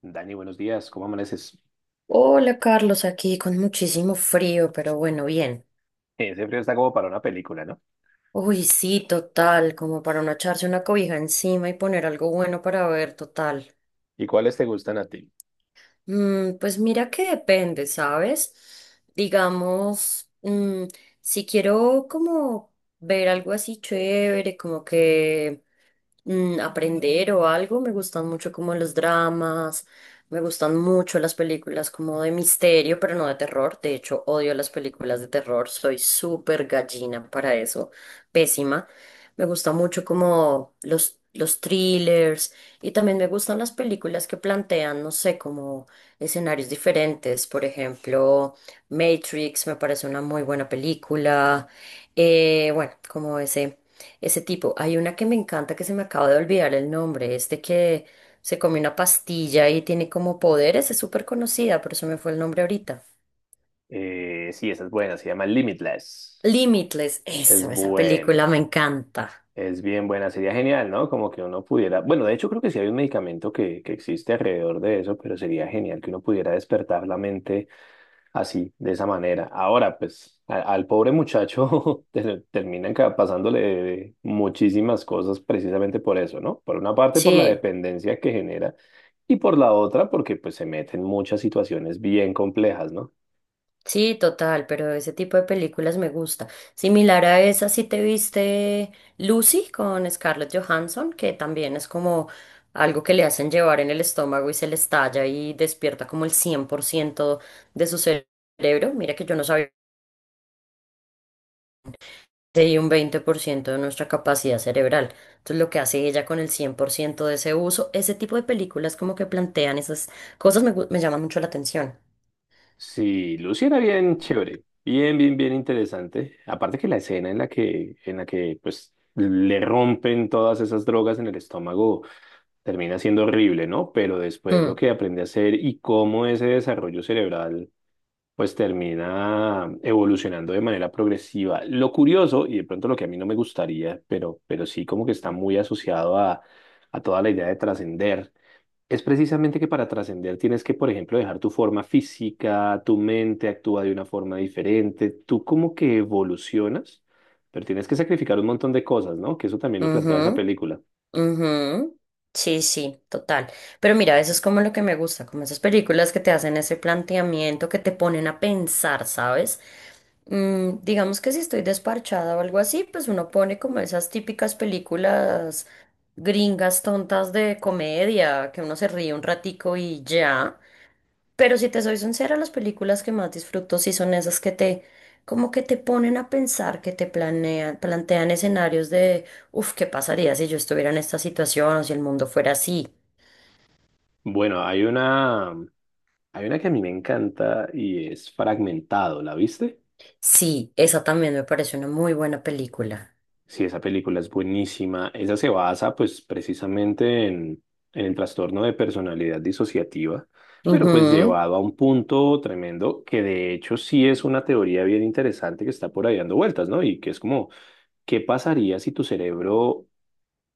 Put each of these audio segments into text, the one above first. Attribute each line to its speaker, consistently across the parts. Speaker 1: Dani, buenos días, ¿cómo amaneces?
Speaker 2: Hola Carlos, aquí con muchísimo frío, pero bueno, bien.
Speaker 1: Ese frío está como para una película, ¿no?
Speaker 2: Uy, sí, total, como para no echarse una cobija encima y poner algo bueno para ver, total.
Speaker 1: ¿Y cuáles te gustan a ti?
Speaker 2: Pues mira que depende, ¿sabes? Digamos, mm, si quiero como ver algo así chévere, como que aprender o algo, me gustan mucho como los dramas, me gustan mucho las películas como de misterio, pero no de terror. De hecho, odio las películas de terror, soy súper gallina para eso, pésima. Me gusta mucho como los thrillers y también me gustan las películas que plantean, no sé, como escenarios diferentes. Por ejemplo, Matrix me parece una muy buena película. Bueno, como ese tipo. Hay una que me encanta que se me acaba de olvidar el nombre. Este que se come una pastilla y tiene como poderes. Es súper conocida, pero se me fue el nombre ahorita.
Speaker 1: Sí, esa es buena, se llama Limitless.
Speaker 2: Limitless.
Speaker 1: Es
Speaker 2: Eso, esa película
Speaker 1: buena,
Speaker 2: me encanta.
Speaker 1: es bien buena, sería genial, ¿no? Como que uno pudiera, bueno, de hecho creo que sí hay un medicamento que existe alrededor de eso, pero sería genial que uno pudiera despertar la mente así, de esa manera. Ahora, pues, al pobre muchacho terminan pasándole muchísimas cosas precisamente por eso, ¿no? Por una parte, por la
Speaker 2: Sí.
Speaker 1: dependencia que genera y por la otra, porque pues se mete en muchas situaciones bien complejas, ¿no?
Speaker 2: Sí, total, pero ese tipo de películas me gusta. Similar a esa, si te viste Lucy con Scarlett Johansson, que también es como algo que le hacen llevar en el estómago y se le estalla y despierta como el 100% de su cerebro. Mira que yo no sabía que hay un 20% de nuestra capacidad cerebral. Entonces, lo que hace ella con el 100% de ese uso, ese tipo de películas como que plantean esas cosas me llama mucho la atención.
Speaker 1: Sí, Lucy era bien chévere, bien, bien, bien interesante. Aparte que la escena en la que, pues, le rompen todas esas drogas en el estómago termina siendo horrible, ¿no? Pero después lo
Speaker 2: Mm,
Speaker 1: que aprende a hacer y cómo ese desarrollo cerebral pues termina evolucionando de manera progresiva. Lo curioso, y de pronto lo que a mí no me gustaría, pero sí como que está muy asociado a toda la idea de trascender, es precisamente que para trascender tienes que, por ejemplo, dejar tu forma física, tu mente actúa de una forma diferente, tú como que evolucionas, pero tienes que sacrificar un montón de cosas, ¿no? Que eso también lo plantea esa
Speaker 2: ujú.
Speaker 1: película.
Speaker 2: Ujú. Sí, sí, total. Pero mira, eso es como lo que me gusta, como esas películas que te hacen ese planteamiento, que te ponen a pensar, ¿sabes? Digamos que si estoy desparchada o algo así, pues uno pone como esas típicas películas gringas tontas de comedia, que uno se ríe un ratico y ya. Pero si te soy sincera, las películas que más disfruto sí son esas como que te ponen a pensar, que te plantean escenarios. Uf, ¿qué pasaría si yo estuviera en esta situación o si el mundo fuera así?
Speaker 1: Bueno, hay una que a mí me encanta y es Fragmentado, ¿la viste?
Speaker 2: Sí, esa también me parece una muy buena película.
Speaker 1: Sí, esa película es buenísima. Esa se basa, pues, precisamente en el trastorno de personalidad disociativa, pero pues
Speaker 2: Ujú,
Speaker 1: llevado a un punto tremendo que de hecho sí es una teoría bien interesante que está por ahí dando vueltas, ¿no? Y que es como, ¿qué pasaría si tu cerebro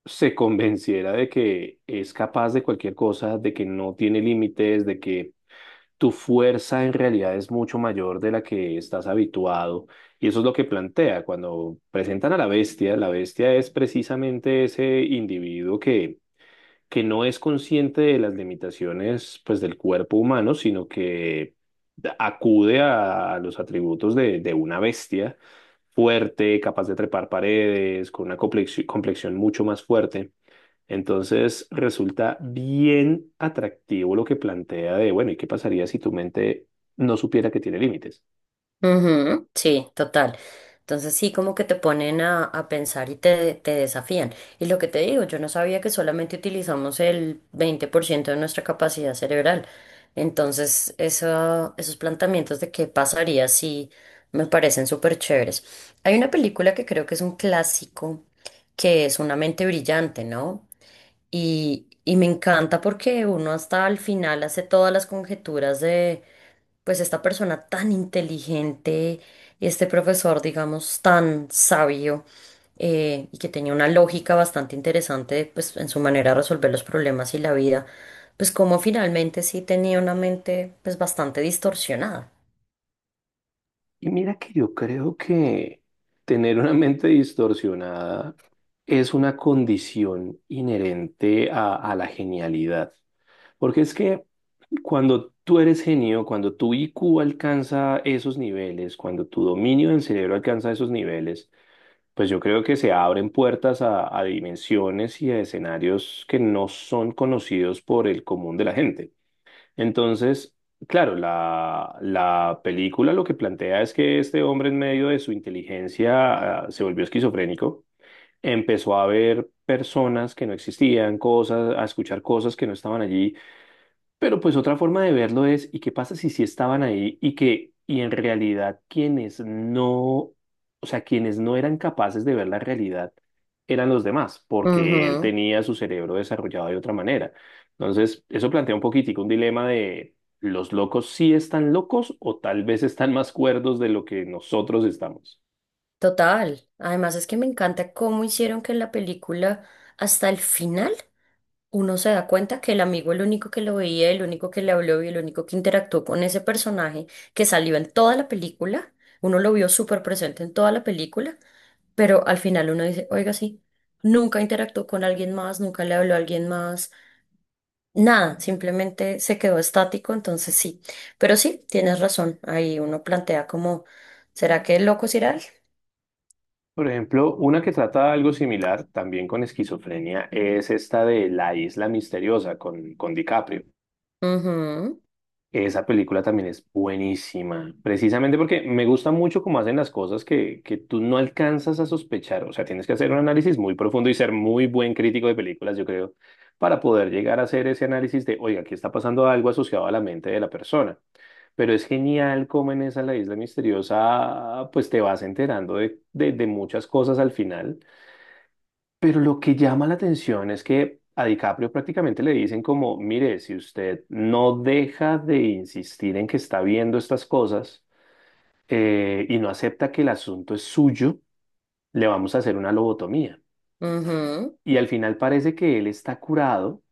Speaker 1: se convenciera de que es capaz de cualquier cosa, de que no tiene límites, de que tu fuerza en realidad es mucho mayor de la que estás habituado? Y eso es lo que plantea. Cuando presentan a la bestia es precisamente ese individuo que no es consciente de las limitaciones pues, del cuerpo humano, sino que acude a los atributos de una bestia fuerte, capaz de trepar paredes, con una complexión mucho más fuerte. Entonces resulta bien atractivo lo que plantea de, bueno, ¿y qué pasaría si tu mente no supiera que tiene límites?
Speaker 2: ujú, sí, total. Entonces sí, como que te ponen a pensar y te desafían. Y lo que te digo, yo no sabía que solamente utilizamos el 20% de nuestra capacidad cerebral. Entonces, esos planteamientos de qué pasaría si me parecen súper chéveres. Hay una película que creo que es un clásico, que es Una mente brillante, ¿no? Y me encanta porque uno hasta al final hace todas las conjeturas de, pues, esta persona tan inteligente, este profesor, digamos, tan sabio, y que tenía una lógica bastante interesante, pues, en su manera de resolver los problemas y la vida, pues, como finalmente sí tenía una mente, pues, bastante distorsionada.
Speaker 1: Y mira que yo creo que tener una mente distorsionada es una condición inherente a la genialidad. Porque es que cuando tú eres genio, cuando tu IQ alcanza esos niveles, cuando tu dominio del cerebro alcanza esos niveles, pues yo creo que se abren puertas a dimensiones y a escenarios que no son conocidos por el común de la gente. Entonces, claro, la película lo que plantea es que este hombre en medio de su inteligencia, ah, se volvió esquizofrénico, empezó a ver personas que no existían, cosas, a escuchar cosas que no estaban allí. Pero pues otra forma de verlo es, ¿y qué pasa si sí estaban ahí y que, y en realidad quienes no, o sea, quienes no eran capaces de ver la realidad eran los demás, porque él
Speaker 2: Ujú,
Speaker 1: tenía su cerebro desarrollado de otra manera? Entonces, eso plantea un poquitico un dilema de los locos sí están locos o tal vez están más cuerdos de lo que nosotros estamos.
Speaker 2: total. Además es que me encanta cómo hicieron que en la película, hasta el final, uno se da cuenta que el amigo, el único que lo veía, el único que le habló y el único que interactuó con ese personaje que salió en toda la película, uno lo vio súper presente en toda la película, pero al final uno dice, oiga, sí, nunca interactuó con alguien más, nunca le habló a alguien más, nada, simplemente se quedó estático, entonces sí, pero sí, tienes razón, ahí uno plantea como, ¿será que el loco es Iral?
Speaker 1: Por ejemplo, una que trata algo similar, también con esquizofrenia, es esta de La Isla Misteriosa con DiCaprio.
Speaker 2: Ujú,
Speaker 1: Esa película también es buenísima, precisamente porque me gusta mucho cómo hacen las cosas que tú no alcanzas a sospechar. O sea, tienes que hacer un análisis muy profundo y ser muy buen crítico de películas, yo creo, para poder llegar a hacer ese análisis de, oiga, aquí está pasando algo asociado a la mente de la persona. Pero es genial cómo en esa La Isla Misteriosa, pues te vas enterando de muchas cosas al final. Pero lo que llama la atención es que a DiCaprio prácticamente le dicen como, mire, si usted no deja de insistir en que está viendo estas cosas y no acepta que el asunto es suyo, le vamos a hacer una lobotomía.
Speaker 2: ujú.
Speaker 1: Y al final parece que él está curado,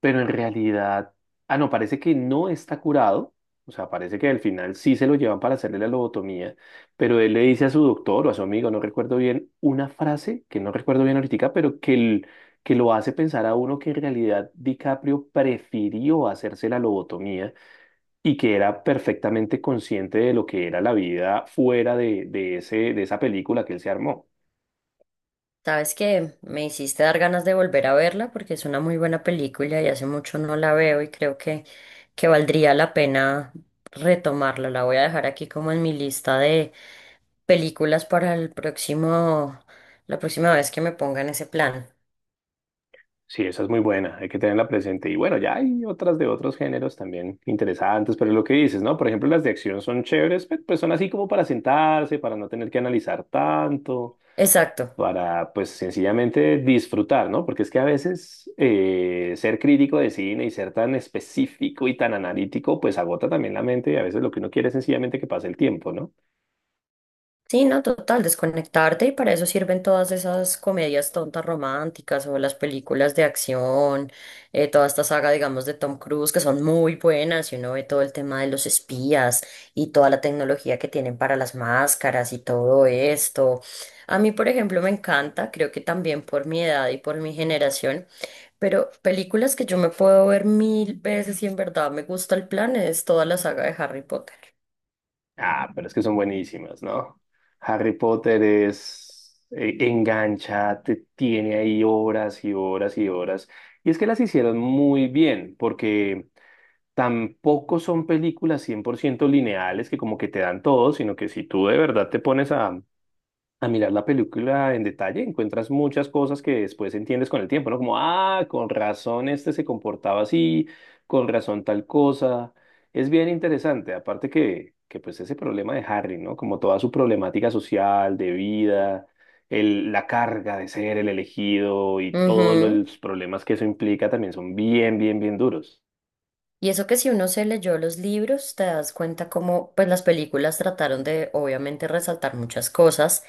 Speaker 1: pero en realidad, ah, no, parece que no está curado, o sea, parece que al final sí se lo llevan para hacerle la lobotomía, pero él le dice a su doctor o a su amigo, no recuerdo bien, una frase que no recuerdo bien ahorita, pero que lo hace pensar a uno que en realidad DiCaprio prefirió hacerse la lobotomía y que era perfectamente consciente de lo que era la vida fuera de ese, de esa película que él se armó.
Speaker 2: Sabes que me hiciste dar ganas de volver a verla porque es una muy buena película y hace mucho no la veo y creo que valdría la pena retomarla. La voy a dejar aquí como en mi lista de películas para el próximo, la próxima vez que me ponga en ese plan.
Speaker 1: Sí, esa es muy buena, hay que tenerla presente. Y bueno, ya hay otras de otros géneros también interesantes, pero es lo que dices, ¿no? Por ejemplo, las de acción son chéveres, pues son así como para sentarse, para no tener que analizar tanto,
Speaker 2: Exacto.
Speaker 1: para pues sencillamente disfrutar, ¿no? Porque es que a veces ser crítico de cine y ser tan específico y tan analítico, pues agota también la mente y a veces lo que uno quiere es sencillamente que pase el tiempo, ¿no?
Speaker 2: Sí, no, total, desconectarte y para eso sirven todas esas comedias tontas románticas o las películas de acción, toda esta saga, digamos, de Tom Cruise, que son muy buenas y uno ve todo el tema de los espías y toda la tecnología que tienen para las máscaras y todo esto. A mí, por ejemplo, me encanta, creo que también por mi edad y por mi generación, pero películas que yo me puedo ver mil veces y en verdad me gusta el plan es toda la saga de Harry Potter.
Speaker 1: Ah, pero es que son buenísimas, ¿no? Harry Potter es engancha, te tiene ahí horas y horas y horas. Y es que las hicieron muy bien, porque tampoco son películas 100% lineales que como que te dan todo, sino que si tú de verdad te pones a mirar la película en detalle, encuentras muchas cosas que después entiendes con el tiempo, ¿no? Como, ah, con razón este se comportaba así, con razón tal cosa. Es bien interesante, aparte que pues ese problema de Harry, ¿no? Como toda su problemática social, de vida, la carga de ser el elegido y todos
Speaker 2: Ujú.
Speaker 1: los problemas que eso implica también son bien, bien, bien duros.
Speaker 2: Y eso que si uno se leyó los libros, te das cuenta cómo pues las películas trataron de obviamente resaltar muchas cosas,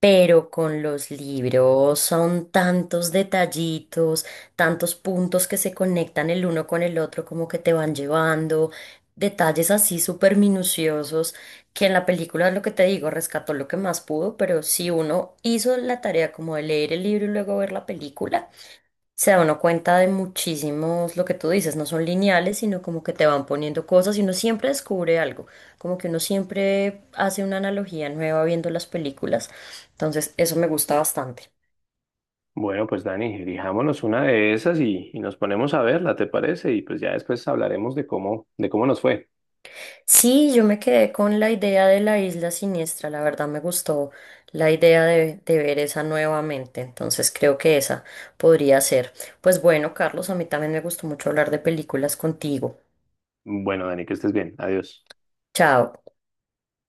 Speaker 2: pero con los libros son tantos detallitos, tantos puntos que se conectan el uno con el otro, como que te van llevando, detalles así súper minuciosos, que en la película lo que te digo, rescató lo que más pudo, pero si uno hizo la tarea como de leer el libro y luego ver la película, se da uno cuenta de muchísimos, lo que tú dices, no son lineales, sino como que te van poniendo cosas y uno siempre descubre algo, como que uno siempre hace una analogía nueva viendo las películas. Entonces, eso me gusta bastante.
Speaker 1: Bueno, pues Dani, elijámonos una de esas y nos ponemos a verla, ¿te parece? Y pues ya después hablaremos de de cómo nos fue.
Speaker 2: Sí, yo me quedé con la idea de la isla siniestra, la verdad me gustó la idea de ver esa nuevamente, entonces creo que esa podría ser. Pues bueno, Carlos, a mí también me gustó mucho hablar de películas contigo.
Speaker 1: Bueno, Dani, que estés bien. Adiós.
Speaker 2: Chao.